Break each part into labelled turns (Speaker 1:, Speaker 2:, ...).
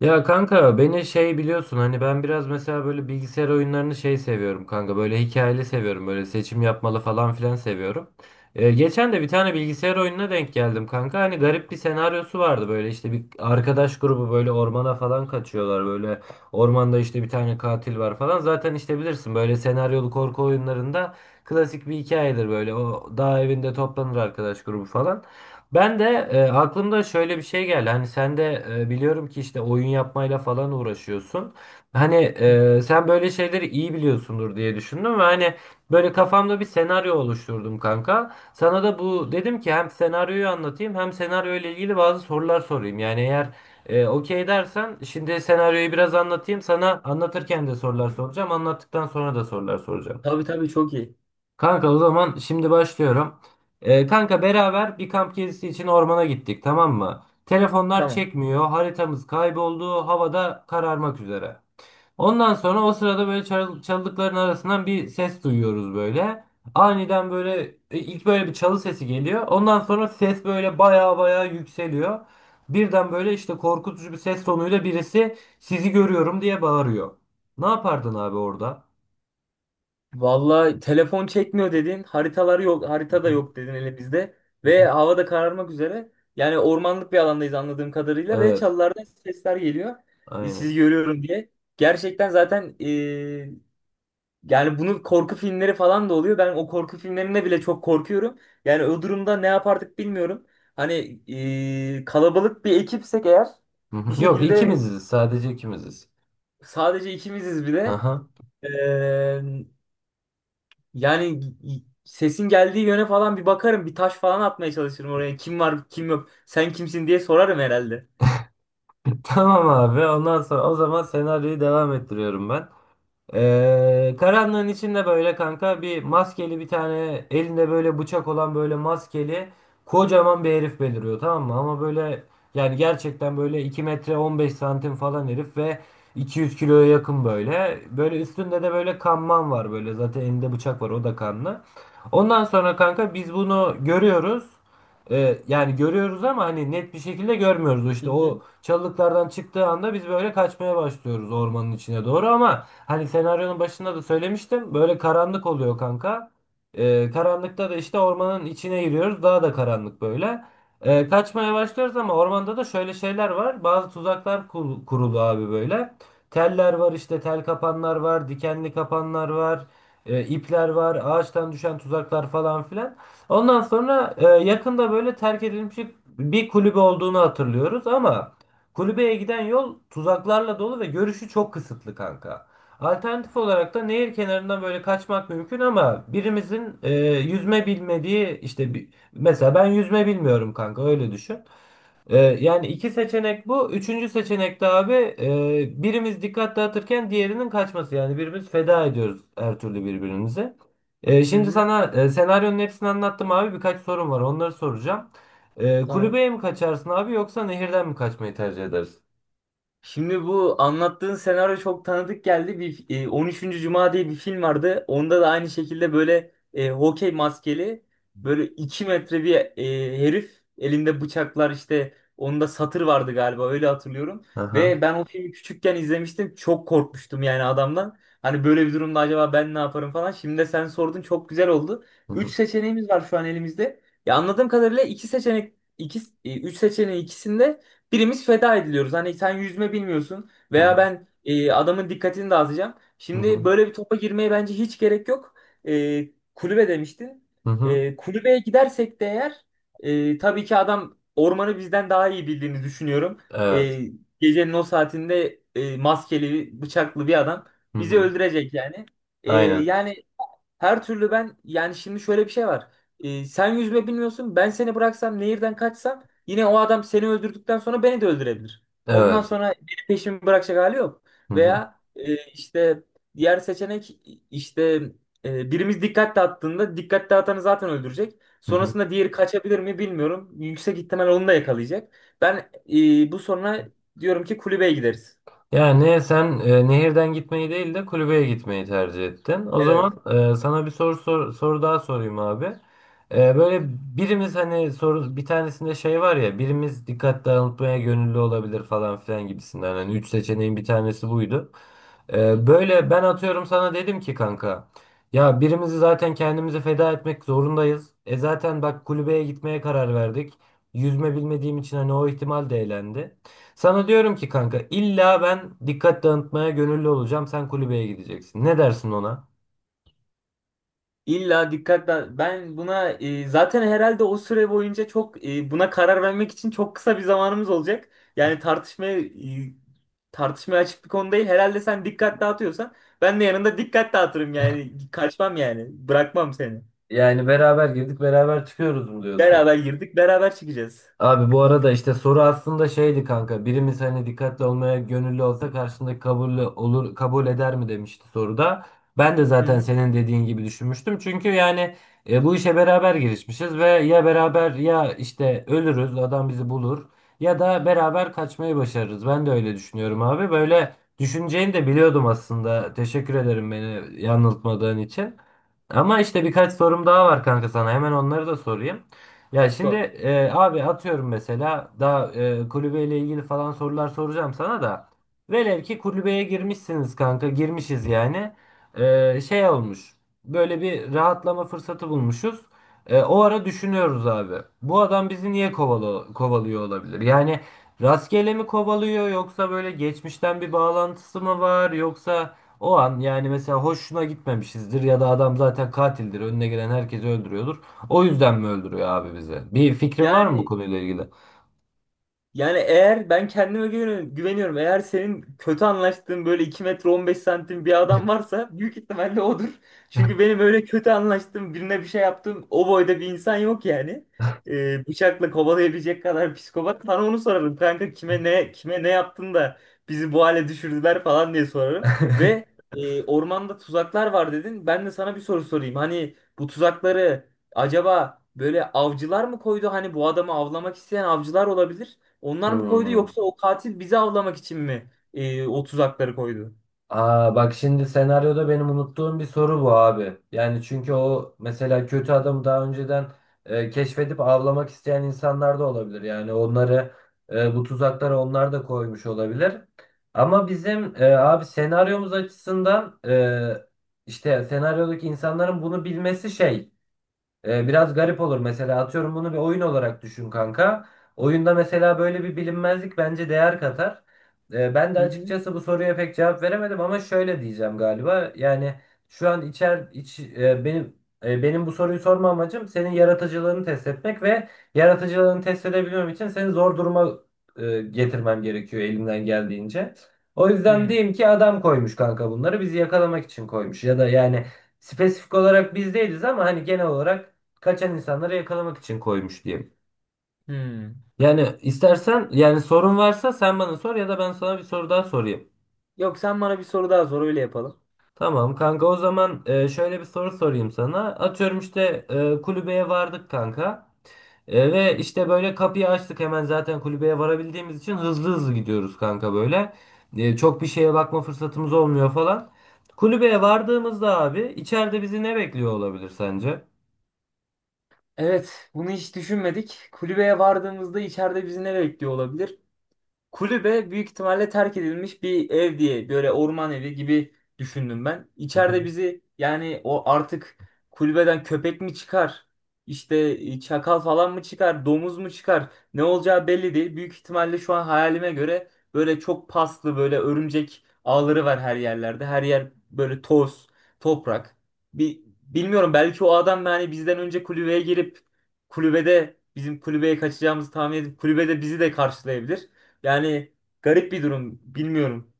Speaker 1: Ya kanka beni şey biliyorsun hani ben biraz mesela böyle bilgisayar oyunlarını şey seviyorum kanka böyle hikayeli seviyorum böyle seçim yapmalı falan filan seviyorum. Geçen de bir tane bilgisayar oyununa denk geldim kanka hani garip bir senaryosu vardı böyle işte bir arkadaş grubu böyle ormana falan kaçıyorlar böyle ormanda işte bir tane katil var falan zaten işte bilirsin böyle senaryolu korku oyunlarında klasik bir hikayedir böyle o dağ evinde toplanır arkadaş grubu falan. Ben de aklımda şöyle bir şey geldi. Hani sen de biliyorum ki işte oyun yapmayla falan uğraşıyorsun. Hani sen böyle şeyleri iyi biliyorsundur diye düşündüm ve hani böyle kafamda bir senaryo oluşturdum kanka. Sana da bu dedim ki hem senaryoyu anlatayım hem senaryo ile ilgili bazı sorular sorayım. Yani eğer okey dersen şimdi senaryoyu biraz anlatayım. Sana anlatırken de sorular soracağım. Anlattıktan sonra da sorular soracağım.
Speaker 2: Tabii tabii, çok iyi.
Speaker 1: Kanka o zaman şimdi başlıyorum. Kanka beraber bir kamp gezisi için ormana gittik, tamam mı? Telefonlar
Speaker 2: Tamam.
Speaker 1: çekmiyor, haritamız kayboldu, havada kararmak üzere. Ondan sonra o sırada böyle çalılıkların arasından bir ses duyuyoruz böyle. Aniden böyle ilk böyle bir çalı sesi geliyor. Ondan sonra ses böyle baya baya yükseliyor. Birden böyle işte korkutucu bir ses tonuyla birisi sizi görüyorum diye bağırıyor. Ne yapardın abi orada?
Speaker 2: Vallahi telefon çekmiyor dedin. Haritalar yok.
Speaker 1: Hı
Speaker 2: Harita da
Speaker 1: hı.
Speaker 2: yok dedin hele bizde.
Speaker 1: Hı
Speaker 2: Ve
Speaker 1: hı.
Speaker 2: hava da kararmak üzere. Yani ormanlık bir alandayız anladığım kadarıyla. Ve
Speaker 1: Evet,
Speaker 2: çalılardan sesler geliyor. Sizi
Speaker 1: aynen.
Speaker 2: görüyorum diye. Gerçekten zaten yani bunu korku filmleri falan da oluyor. Ben o korku filmlerinde bile çok korkuyorum. Yani o durumda ne yapardık bilmiyorum. Hani kalabalık bir ekipsek eğer,
Speaker 1: Hı
Speaker 2: bir
Speaker 1: hı. Yok,
Speaker 2: şekilde
Speaker 1: ikimiziz, sadece ikimiziz.
Speaker 2: sadece ikimiziz bir de.
Speaker 1: Aha.
Speaker 2: Ee, Yani sesin geldiği yöne falan bir bakarım. Bir taş falan atmaya çalışırım oraya. Kim var kim yok. Sen kimsin diye sorarım herhalde.
Speaker 1: Tamam abi, ondan sonra o zaman senaryoyu devam ettiriyorum ben. Karanlığın içinde böyle kanka bir maskeli bir tane elinde böyle bıçak olan böyle maskeli kocaman bir herif beliriyor, tamam mı? Ama böyle yani gerçekten böyle 2 metre 15 santim falan herif ve 200 kiloya yakın böyle. Böyle üstünde de böyle kanman var böyle, zaten elinde bıçak var, o da kanlı. Ondan sonra kanka biz bunu görüyoruz. Yani görüyoruz ama hani net bir şekilde görmüyoruz.
Speaker 2: Hı
Speaker 1: İşte
Speaker 2: hı.
Speaker 1: o çalılıklardan çıktığı anda biz böyle kaçmaya başlıyoruz ormanın içine doğru ama hani senaryonun başında da söylemiştim. Böyle karanlık oluyor kanka. Karanlıkta da işte ormanın içine giriyoruz. Daha da karanlık böyle. Kaçmaya başlıyoruz ama ormanda da şöyle şeyler var. Bazı tuzaklar kurulu abi böyle. Teller var, işte tel kapanlar var, dikenli kapanlar var, ipler var, ağaçtan düşen tuzaklar falan filan. Ondan sonra yakında böyle terk edilmiş bir kulübe olduğunu hatırlıyoruz ama kulübeye giden yol tuzaklarla dolu ve görüşü çok kısıtlı kanka. Alternatif olarak da nehir kenarından böyle kaçmak mümkün ama birimizin yüzme bilmediği işte bir, mesela ben yüzme bilmiyorum kanka, öyle düşün. E, yani iki seçenek bu. Üçüncü seçenek de abi birimiz dikkat dağıtırken diğerinin kaçması. Yani birbirimiz feda ediyoruz her türlü birbirimize.
Speaker 2: Hı
Speaker 1: Şimdi
Speaker 2: hı.
Speaker 1: sana senaryonun hepsini anlattım abi, birkaç sorum var, onları soracağım.
Speaker 2: Tamam.
Speaker 1: Kulübeye mi kaçarsın abi yoksa nehirden mi kaçmayı tercih edersin?
Speaker 2: Şimdi bu anlattığın senaryo çok tanıdık geldi. 13. Cuma diye bir film vardı. Onda da aynı şekilde böyle hokey maskeli, böyle 2 metre bir herif, elinde bıçaklar, işte onda satır vardı galiba, öyle hatırlıyorum. Ve
Speaker 1: Aha.
Speaker 2: ben o filmi küçükken izlemiştim. Çok korkmuştum yani adamdan. Hani böyle bir durumda acaba ben ne yaparım falan. Şimdi de sen sordun, çok güzel oldu.
Speaker 1: Hı
Speaker 2: 3
Speaker 1: hı.
Speaker 2: seçeneğimiz var şu an elimizde. Ya anladığım kadarıyla 3 seçeneğin ikisinde birimiz feda ediliyoruz. Hani sen yüzme bilmiyorsun
Speaker 1: Hı
Speaker 2: veya
Speaker 1: hı.
Speaker 2: ben, adamın dikkatini dağıtacağım.
Speaker 1: Hı
Speaker 2: Şimdi
Speaker 1: hı.
Speaker 2: böyle bir topa girmeye bence hiç gerek yok. E, Kulübe demiştin.
Speaker 1: Hı hı.
Speaker 2: E, kulübeye gidersek de eğer, tabii ki adam ormanı bizden daha iyi bildiğini düşünüyorum. E,
Speaker 1: Evet.
Speaker 2: Gecenin o saatinde maskeli, bıçaklı bir adam
Speaker 1: Hı
Speaker 2: bizi
Speaker 1: hı.
Speaker 2: öldürecek yani.
Speaker 1: Aynen.
Speaker 2: Yani her türlü ben, yani şimdi şöyle bir şey var. Sen yüzme bilmiyorsun. Ben seni bıraksam, nehirden kaçsam, yine o adam seni öldürdükten sonra beni de öldürebilir. Ondan
Speaker 1: Evet.
Speaker 2: sonra beni, peşimi bırakacak hali yok.
Speaker 1: Hı hı.
Speaker 2: Veya işte diğer seçenek, işte birimiz dikkat dağıttığında dikkat dağıtanı zaten öldürecek.
Speaker 1: Hı hı.
Speaker 2: Sonrasında diğeri kaçabilir mi bilmiyorum. Yüksek ihtimal onu da yakalayacak. Ben bu sonra diyorum ki kulübeye gideriz.
Speaker 1: Yani sen nehirden gitmeyi değil de kulübeye gitmeyi tercih ettin. O
Speaker 2: Evet.
Speaker 1: zaman sana bir soru daha sorayım abi. Böyle birimiz, hani soru bir tanesinde şey var ya, birimiz dikkat dağıtmaya gönüllü olabilir falan filan gibisinden. Hani üç seçeneğin bir tanesi buydu. Böyle ben atıyorum sana dedim ki kanka ya birimizi zaten kendimizi feda etmek zorundayız. E zaten bak kulübeye gitmeye karar verdik. Yüzme bilmediğim için hani o ihtimal de elendi. Sana diyorum ki kanka illa ben dikkat dağıtmaya gönüllü olacağım. Sen kulübeye gideceksin. Ne dersin ona?
Speaker 2: İlla dikkatle ben buna, zaten herhalde o süre boyunca çok, buna karar vermek için çok kısa bir zamanımız olacak. Yani tartışmaya açık bir konu değil. Herhalde sen dikkat dağıtıyorsan ben de yanında dikkat dağıtırım, yani kaçmam, yani bırakmam seni.
Speaker 1: Yani beraber girdik beraber çıkıyoruz mu diyorsun?
Speaker 2: Beraber girdik, beraber çıkacağız.
Speaker 1: Abi bu arada işte soru aslında şeydi kanka. Birimiz hani dikkatli olmaya gönüllü olsa karşındaki kabul olur kabul eder mi demişti soruda. Ben de
Speaker 2: Hı
Speaker 1: zaten
Speaker 2: hı.
Speaker 1: senin dediğin gibi düşünmüştüm. Çünkü yani bu işe beraber girişmişiz ve ya beraber ya işte ölürüz adam bizi bulur ya da beraber kaçmayı başarırız. Ben de öyle düşünüyorum abi. Böyle düşüneceğini de biliyordum aslında. Teşekkür ederim beni yanıltmadığın için. Ama işte birkaç sorum daha var kanka sana. Hemen onları da sorayım. Ya şimdi
Speaker 2: Doğru.
Speaker 1: abi atıyorum mesela daha kulübeyle ilgili falan sorular soracağım sana da. Velev ki kulübeye girmişsiniz kanka, girmişiz yani. Şey olmuş, böyle bir rahatlama fırsatı bulmuşuz. O ara düşünüyoruz abi. Bu adam bizi niye kovalıyor olabilir? Yani rastgele mi kovalıyor yoksa böyle geçmişten bir bağlantısı mı var yoksa o an yani mesela hoşuna gitmemişizdir ya da adam zaten katildir önüne gelen herkesi öldürüyordur. O yüzden mi öldürüyor abi bizi? Bir fikrin var mı bu
Speaker 2: Yani
Speaker 1: konuyla ilgili?
Speaker 2: Yani eğer ben kendime güveniyorum. Eğer senin kötü anlaştığın böyle 2 metre 15 santim bir adam varsa, büyük ihtimalle odur. Çünkü benim öyle kötü anlaştığım birine bir şey yaptığım o boyda bir insan yok yani. Bıçakla kovalayabilecek kadar psikopat. Sana onu sorarım kanka, kime ne yaptın da bizi bu hale düşürdüler falan diye sorarım. Ve ormanda tuzaklar var dedin. Ben de sana bir soru sorayım. Hani bu tuzakları acaba böyle avcılar mı koydu? Hani bu adamı avlamak isteyen avcılar olabilir. Onlar mı koydu,
Speaker 1: Hmm.
Speaker 2: yoksa o katil bizi avlamak için mi o tuzakları koydu?
Speaker 1: Aa bak şimdi senaryoda benim unuttuğum bir soru bu abi. Yani çünkü o mesela kötü adamı daha önceden keşfedip avlamak isteyen insanlar da olabilir. Yani onları bu tuzakları onlar da koymuş olabilir. Ama bizim abi senaryomuz açısından işte senaryodaki insanların bunu bilmesi şey. Biraz garip olur, mesela atıyorum bunu bir oyun olarak düşün kanka. Oyunda mesela böyle bir bilinmezlik bence değer katar. Ben de
Speaker 2: Hı hı.
Speaker 1: açıkçası bu soruya pek cevap veremedim ama şöyle diyeceğim galiba. Yani şu an benim benim bu soruyu sorma amacım senin yaratıcılığını test etmek ve yaratıcılığını test edebilmem için seni zor duruma getirmem gerekiyor elimden geldiğince. O yüzden
Speaker 2: Hı
Speaker 1: diyeyim ki adam koymuş kanka, bunları bizi yakalamak için koymuş ya da yani spesifik olarak biz değiliz ama hani genel olarak kaçan insanları yakalamak için koymuş diyeyim.
Speaker 2: hı.
Speaker 1: Yani istersen yani sorun varsa sen bana sor ya da ben sana bir soru daha sorayım.
Speaker 2: Yok, sen bana bir soru daha sor, öyle yapalım.
Speaker 1: Tamam kanka, o zaman şöyle bir soru sorayım sana. Atıyorum işte kulübeye vardık kanka. Ve işte böyle kapıyı açtık, hemen zaten kulübeye varabildiğimiz için hızlı hızlı gidiyoruz kanka böyle. Çok bir şeye bakma fırsatımız olmuyor falan. Kulübeye vardığımızda abi içeride bizi ne bekliyor olabilir sence?
Speaker 2: Evet, bunu hiç düşünmedik. Kulübeye vardığımızda içeride bizi ne bekliyor olabilir? Kulübe büyük ihtimalle terk edilmiş bir ev diye, böyle orman evi gibi düşündüm ben. İçeride bizi, yani o artık kulübeden köpek mi çıkar? İşte çakal falan mı çıkar? Domuz mu çıkar? Ne olacağı belli değil. Büyük ihtimalle şu an hayalime göre böyle çok paslı, böyle örümcek ağları var her yerlerde. Her yer böyle toz, toprak. Bir, bilmiyorum, belki o adam yani bizden önce kulübeye girip, kulübede bizim kulübeye kaçacağımızı tahmin edip kulübede bizi de karşılayabilir. Yani garip bir durum. Bilmiyorum.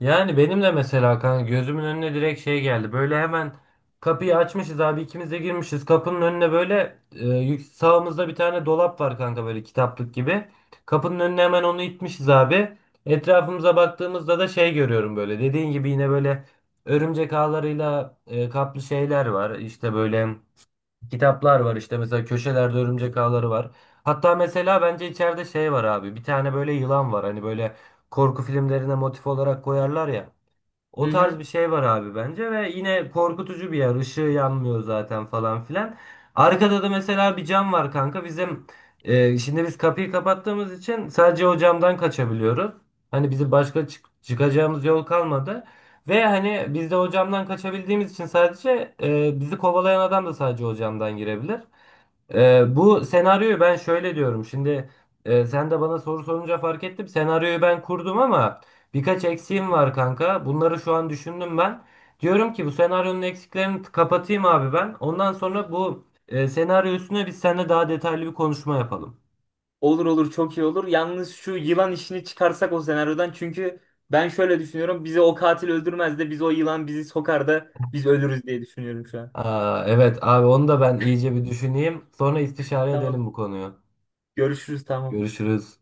Speaker 1: Yani benim de mesela kanka gözümün önüne direkt şey geldi. Böyle hemen kapıyı açmışız abi, ikimiz de girmişiz. Kapının önüne böyle sağımızda bir tane dolap var kanka böyle kitaplık gibi. Kapının önüne hemen onu itmişiz abi. Etrafımıza baktığımızda da şey görüyorum böyle. Dediğin gibi yine böyle örümcek ağlarıyla kaplı şeyler var. İşte böyle kitaplar var, işte mesela köşelerde örümcek ağları var. Hatta mesela bence içeride şey var abi. Bir tane böyle yılan var. Hani böyle korku filmlerine motif olarak koyarlar ya. O
Speaker 2: Hı
Speaker 1: tarz
Speaker 2: hı.
Speaker 1: bir şey var abi bence ve yine korkutucu bir yer. Işığı yanmıyor zaten falan filan. Arkada da mesela bir cam var kanka. Bizim şimdi biz kapıyı kapattığımız için sadece o camdan kaçabiliyoruz. Hani bizim başka çıkacağımız yol kalmadı. Ve hani biz de o camdan kaçabildiğimiz için sadece bizi kovalayan adam da sadece o camdan girebilir. Bu senaryoyu ben şöyle diyorum. Şimdi sen de bana soru sorunca fark ettim. Senaryoyu ben kurdum ama birkaç
Speaker 2: Hı hı.
Speaker 1: eksiğim var kanka. Bunları şu an düşündüm ben. Diyorum ki bu senaryonun eksiklerini kapatayım abi ben. Ondan sonra bu senaryo üstüne biz seninle daha detaylı bir konuşma yapalım.
Speaker 2: Olur olur, çok iyi olur. Yalnız şu yılan işini çıkarsak o senaryodan, çünkü ben şöyle düşünüyorum. Bizi o katil öldürmez de biz, o yılan bizi sokar da biz ölürüz diye düşünüyorum şu an.
Speaker 1: Aa, evet abi, onu da ben iyice bir düşüneyim. Sonra istişare
Speaker 2: Tamam.
Speaker 1: edelim bu konuyu.
Speaker 2: Görüşürüz, tamam.
Speaker 1: Görüşürüz.